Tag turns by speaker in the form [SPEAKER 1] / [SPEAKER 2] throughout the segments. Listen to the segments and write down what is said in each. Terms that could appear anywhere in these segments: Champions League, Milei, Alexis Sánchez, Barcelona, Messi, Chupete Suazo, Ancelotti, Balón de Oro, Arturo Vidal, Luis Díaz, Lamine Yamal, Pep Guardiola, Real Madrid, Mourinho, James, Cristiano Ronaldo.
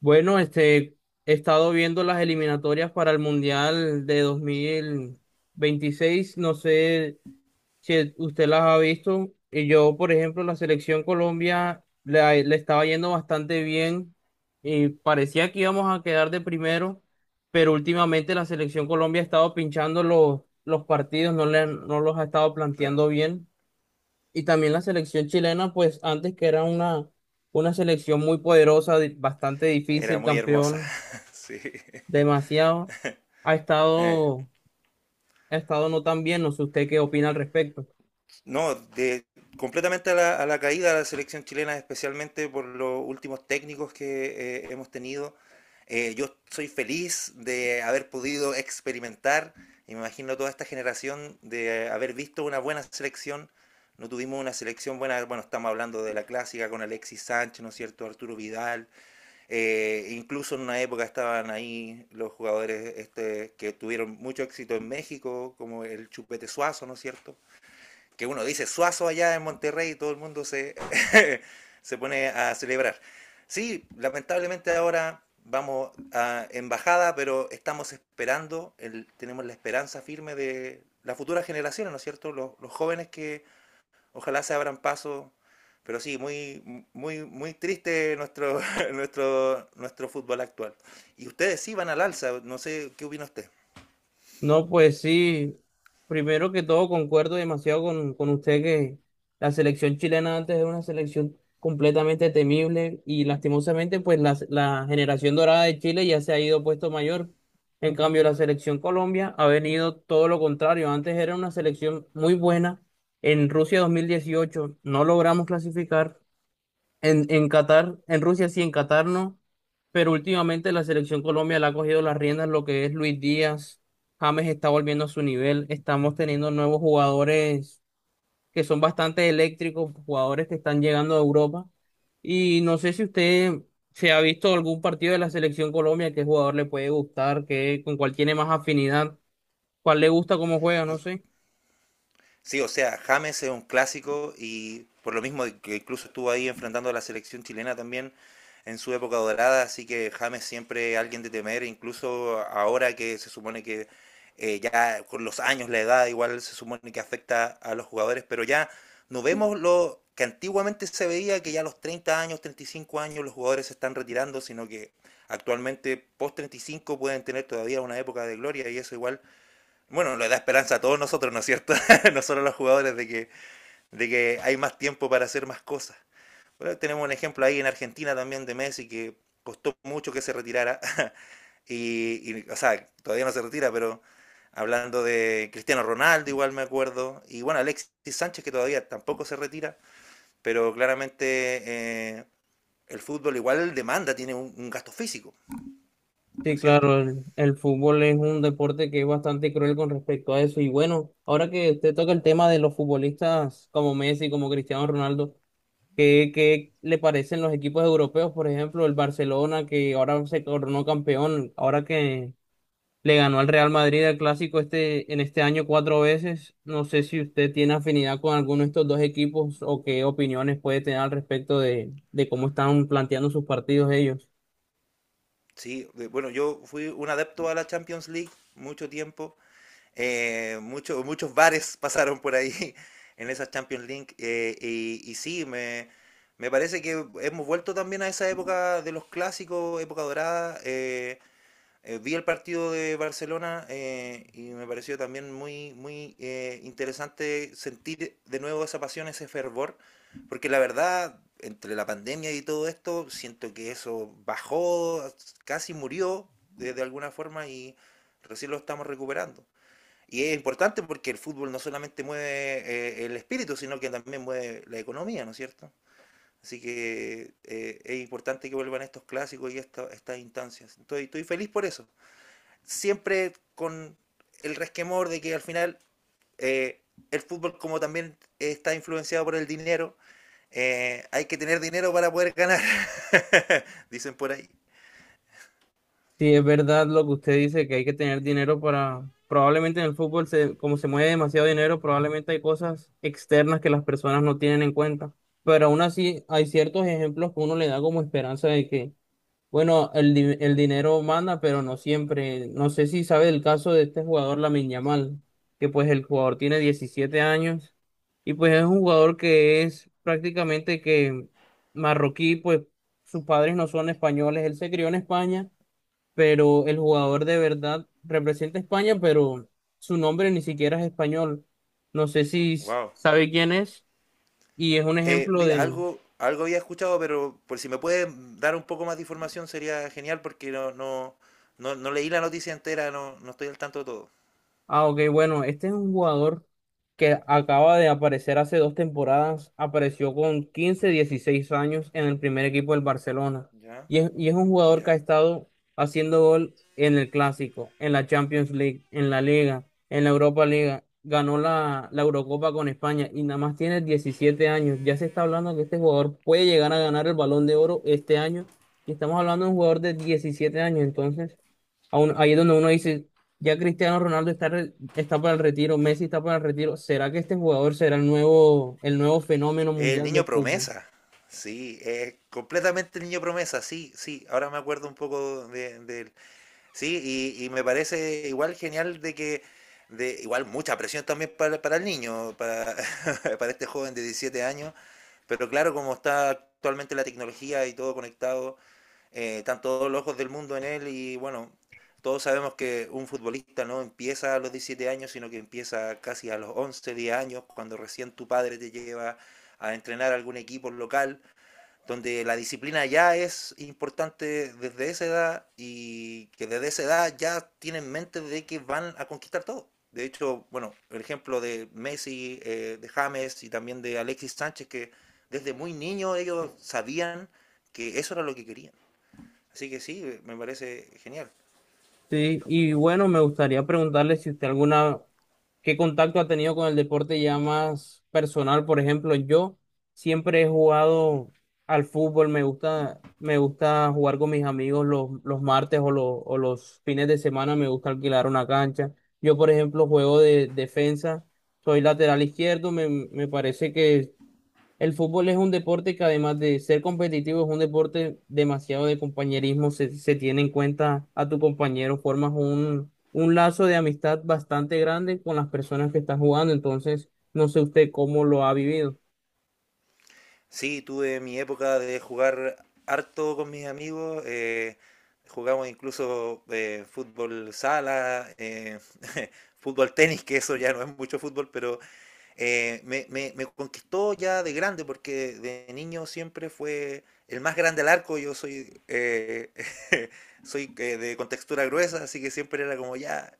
[SPEAKER 1] Bueno, he estado viendo las eliminatorias para el Mundial de 2026. No sé si usted las ha visto. Y yo, por ejemplo, la selección Colombia le estaba yendo bastante bien y parecía que íbamos a quedar de primero, pero últimamente la selección Colombia ha estado pinchando los partidos, no, no los ha estado
[SPEAKER 2] Claro,
[SPEAKER 1] planteando bien. Y también la selección chilena, pues antes que era una selección muy poderosa, bastante
[SPEAKER 2] era
[SPEAKER 1] difícil,
[SPEAKER 2] muy hermosa,
[SPEAKER 1] campeón,
[SPEAKER 2] sí.
[SPEAKER 1] demasiado, ha
[SPEAKER 2] Eh,
[SPEAKER 1] estado, ha estado no tan bien. No sé usted qué opina al respecto.
[SPEAKER 2] no, completamente a la caída de la selección chilena, especialmente por los últimos técnicos que hemos tenido. Yo soy feliz de haber podido experimentar, y me imagino toda esta generación, de haber visto una buena selección. No tuvimos una selección buena, bueno, estamos hablando de la clásica con Alexis Sánchez, ¿no es cierto? Arturo Vidal. Incluso en una época estaban ahí los jugadores que tuvieron mucho éxito en México, como el Chupete Suazo, ¿no es cierto? Que uno dice Suazo allá en Monterrey y todo el mundo se pone a celebrar. Sí, lamentablemente ahora vamos a embajada, pero estamos esperando, tenemos la esperanza firme de las futuras generaciones, ¿no es cierto? Los jóvenes que ojalá se abran paso. Pero sí, muy, muy, muy triste nuestro fútbol actual. Y ustedes sí van al alza, no sé qué opina usted.
[SPEAKER 1] No, pues sí, primero que todo concuerdo demasiado con usted que la selección chilena antes era una selección completamente temible y lastimosamente pues la generación dorada de Chile ya se ha ido puesto mayor. En cambio, la selección Colombia ha venido todo lo contrario. Antes era una selección muy buena. En Rusia 2018 no logramos clasificar. En Qatar, en Rusia sí, en Qatar no, pero últimamente la selección Colombia le ha cogido las riendas lo que es Luis Díaz, James está volviendo a su nivel, estamos teniendo nuevos jugadores que son bastante eléctricos, jugadores que están llegando a Europa, y no sé si usted se ha visto algún partido de la selección Colombia, qué jugador le puede gustar, qué, con cuál tiene más afinidad, cuál le gusta cómo juega, no sé.
[SPEAKER 2] Sí, o sea, James es un clásico y por lo mismo que incluso estuvo ahí enfrentando a la selección chilena también en su época dorada, así que James siempre es alguien de temer, incluso ahora que se supone que ya con los años, la edad igual se supone que afecta a los jugadores, pero ya no vemos lo que antiguamente se veía, que ya a los 30 años, 35 años los jugadores se están retirando, sino que actualmente post 35 pueden tener todavía una época de gloria y eso igual bueno, le da esperanza a todos nosotros, ¿no es cierto? nosotros los jugadores de que hay más tiempo para hacer más cosas. Bueno, tenemos un ejemplo ahí en Argentina también de Messi que costó mucho que se retirara. Y, o sea, todavía no se retira, pero hablando de Cristiano Ronaldo, igual me acuerdo. Y bueno, Alexis Sánchez que todavía tampoco se retira, pero claramente eh, el fútbol igual demanda, tiene un gasto físico, ¿no
[SPEAKER 1] Sí,
[SPEAKER 2] es cierto?
[SPEAKER 1] claro, el fútbol es un deporte que es bastante cruel con respecto a eso. Y bueno, ahora que usted toca el tema de los futbolistas como Messi, como Cristiano Ronaldo, ¿qué le parecen los equipos europeos? Por ejemplo, el Barcelona, que ahora se coronó campeón, ahora que le ganó al Real Madrid el clásico este, en este año cuatro veces. No sé si usted tiene afinidad con alguno de estos dos equipos o qué opiniones puede tener al respecto de cómo están planteando sus partidos ellos.
[SPEAKER 2] Sí, bueno, yo fui un adepto a la Champions League mucho tiempo. Muchos bares pasaron por ahí en esa Champions League. Y sí, me parece que hemos vuelto también a esa época de los clásicos, época dorada. Vi el partido de Barcelona y me pareció también muy, muy interesante sentir de nuevo esa pasión, ese fervor, porque la verdad, entre la pandemia y todo esto, siento que eso bajó, casi murió de alguna forma y recién lo estamos recuperando. Y es importante porque el fútbol no solamente mueve el espíritu, sino que también mueve la economía, ¿no es cierto? Así que es importante que vuelvan estos clásicos y estas instancias. Estoy feliz por eso. Siempre con el resquemor de que al final eh, el fútbol, como también está influenciado por el dinero, hay que tener dinero para poder ganar, dicen por ahí.
[SPEAKER 1] Sí, es verdad lo que usted dice, que hay que tener dinero para, probablemente en el fútbol, como se mueve demasiado dinero, probablemente hay cosas externas que las personas no tienen en cuenta. Pero aún así hay ciertos ejemplos que uno le da como esperanza de que, bueno, el dinero manda, pero no siempre. No sé si sabe el caso de este jugador, Lamine Yamal, que pues el jugador tiene 17 años, y pues es un jugador que es prácticamente que marroquí, pues sus padres no son españoles, él se crió en España, pero el jugador de verdad representa a España, pero su nombre ni siquiera es español. No sé si
[SPEAKER 2] Wow.
[SPEAKER 1] sabe quién es, y es un ejemplo
[SPEAKER 2] Mira,
[SPEAKER 1] de.
[SPEAKER 2] algo había escuchado, pero por si me pueden dar un poco más de información sería genial porque no leí la noticia entera, no estoy al tanto de todo.
[SPEAKER 1] Ah, ok, bueno, este es un jugador que acaba de aparecer hace dos temporadas, apareció con 15, 16 años en el primer equipo del Barcelona,
[SPEAKER 2] Ya,
[SPEAKER 1] y es un jugador
[SPEAKER 2] ya.
[SPEAKER 1] que ha estado haciendo gol en el Clásico, en la Champions League, en la Liga, en la Europa Liga, ganó la Eurocopa con España, y nada más tiene 17 años. Ya se está hablando que este jugador puede llegar a ganar el Balón de Oro este año, y estamos hablando de un jugador de 17 años, entonces ahí es donde uno dice ya Cristiano Ronaldo está, está para el retiro, Messi está para el retiro. ¿Será que este jugador será el nuevo fenómeno
[SPEAKER 2] El
[SPEAKER 1] mundial
[SPEAKER 2] niño
[SPEAKER 1] del fútbol?
[SPEAKER 2] promesa. Sí, es completamente el niño promesa, sí, sí, ahora me acuerdo un poco de él. Sí, y me parece igual genial de que igual mucha presión también para el niño, para este joven de 17 años, pero claro, como está actualmente la tecnología y todo conectado, están todos los ojos del mundo en él y bueno, todos sabemos que un futbolista no empieza a los 17 años, sino que empieza casi a los 11 10 años, cuando recién tu padre te lleva a entrenar a algún equipo local, donde la disciplina ya es importante desde esa edad y que desde esa edad ya tienen en mente de que van a conquistar todo. De hecho, bueno, el ejemplo de Messi, de James y también de Alexis Sánchez, que desde muy niño ellos sabían que eso era lo que querían. Así que sí, me parece genial.
[SPEAKER 1] Sí, y bueno, me gustaría preguntarle si usted qué contacto ha tenido con el deporte ya más personal. Por ejemplo, yo siempre he jugado al fútbol, me gusta jugar con mis amigos los martes o los fines de semana, me gusta alquilar una cancha. Yo, por ejemplo, juego de defensa, soy lateral izquierdo, me parece que el fútbol es un deporte que además de ser competitivo, es un deporte demasiado de compañerismo, se tiene en cuenta a tu compañero, formas un lazo de amistad bastante grande con las personas que estás jugando, entonces no sé usted cómo lo ha vivido.
[SPEAKER 2] Sí, tuve mi época de jugar harto con mis amigos. Jugamos incluso fútbol sala, fútbol tenis, que eso ya no es mucho fútbol, pero me conquistó ya de grande, porque de niño siempre fue el más grande al arco. Yo soy, soy de contextura gruesa, así que siempre era como ya,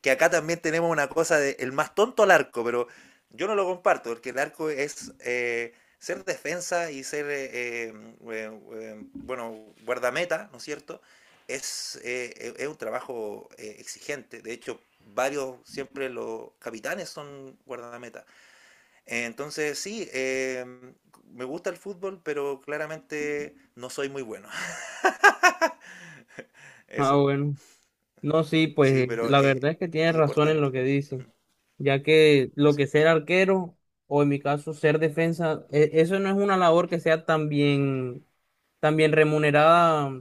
[SPEAKER 2] que acá también tenemos una cosa de el más tonto al arco, pero yo no lo comparto, porque el arco es ser defensa y ser, bueno, guardameta, ¿no es cierto? Es un trabajo exigente. De hecho, varios, siempre los capitanes son guardameta. Entonces, sí, me gusta el fútbol, pero claramente no soy muy bueno.
[SPEAKER 1] Ah,
[SPEAKER 2] Eso,
[SPEAKER 1] bueno. No, sí,
[SPEAKER 2] sí,
[SPEAKER 1] pues
[SPEAKER 2] pero
[SPEAKER 1] la verdad es que tienes
[SPEAKER 2] es
[SPEAKER 1] razón en
[SPEAKER 2] importante.
[SPEAKER 1] lo que dice, ya que lo
[SPEAKER 2] Sí,
[SPEAKER 1] que ser arquero o en mi caso ser defensa, eso no es una labor que sea tan bien remunerada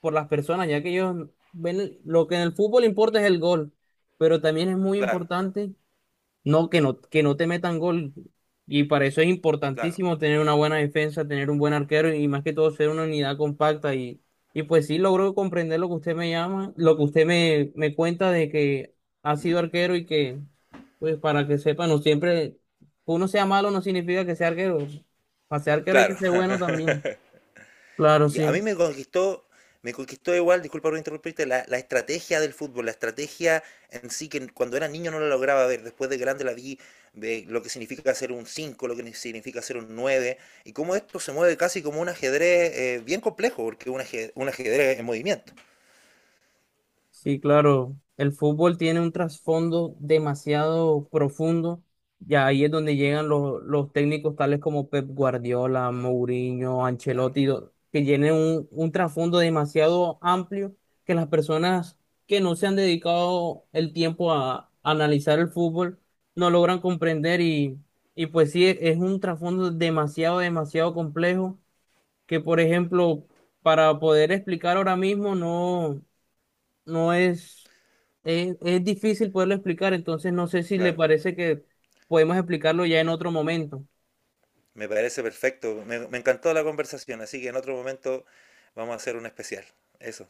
[SPEAKER 1] por las personas, ya que ellos ven lo que en el fútbol importa es el gol, pero también es muy
[SPEAKER 2] claro,
[SPEAKER 1] importante no, que no te metan gol. Y para eso es
[SPEAKER 2] claro,
[SPEAKER 1] importantísimo tener una buena defensa, tener un buen arquero y más que todo ser una unidad compacta. Y pues sí logro comprender lo que usted me llama, lo que usted me cuenta de que ha sido arquero y que, pues para que sepa, no siempre, uno sea malo no significa que sea arquero. Para ser arquero hay que
[SPEAKER 2] claro.
[SPEAKER 1] ser bueno también. Claro,
[SPEAKER 2] Y a mí
[SPEAKER 1] sí.
[SPEAKER 2] me conquistó igual, disculpa por interrumpirte, la estrategia del fútbol, la estrategia en sí, que cuando era niño no la lograba ver, después de grande la vi, de lo que significa ser un 5 lo que significa ser un 9 y cómo esto se mueve casi como un ajedrez bien complejo, porque es un ajedrez en movimiento.
[SPEAKER 1] Sí, claro, el fútbol tiene un trasfondo demasiado profundo y ahí es donde
[SPEAKER 2] Mm.
[SPEAKER 1] llegan los técnicos tales como Pep Guardiola, Mourinho,
[SPEAKER 2] Claro.
[SPEAKER 1] Ancelotti, que tienen un trasfondo demasiado amplio que las personas que no se han dedicado el tiempo a analizar el fútbol no logran comprender, y pues sí, es un trasfondo demasiado, demasiado complejo que, por ejemplo, para poder explicar ahora mismo no es difícil poderlo explicar, entonces no sé si le
[SPEAKER 2] Claro,
[SPEAKER 1] parece que podemos explicarlo ya en otro momento.
[SPEAKER 2] me parece perfecto. Me encantó la conversación, así que en otro momento vamos a hacer un especial. Eso.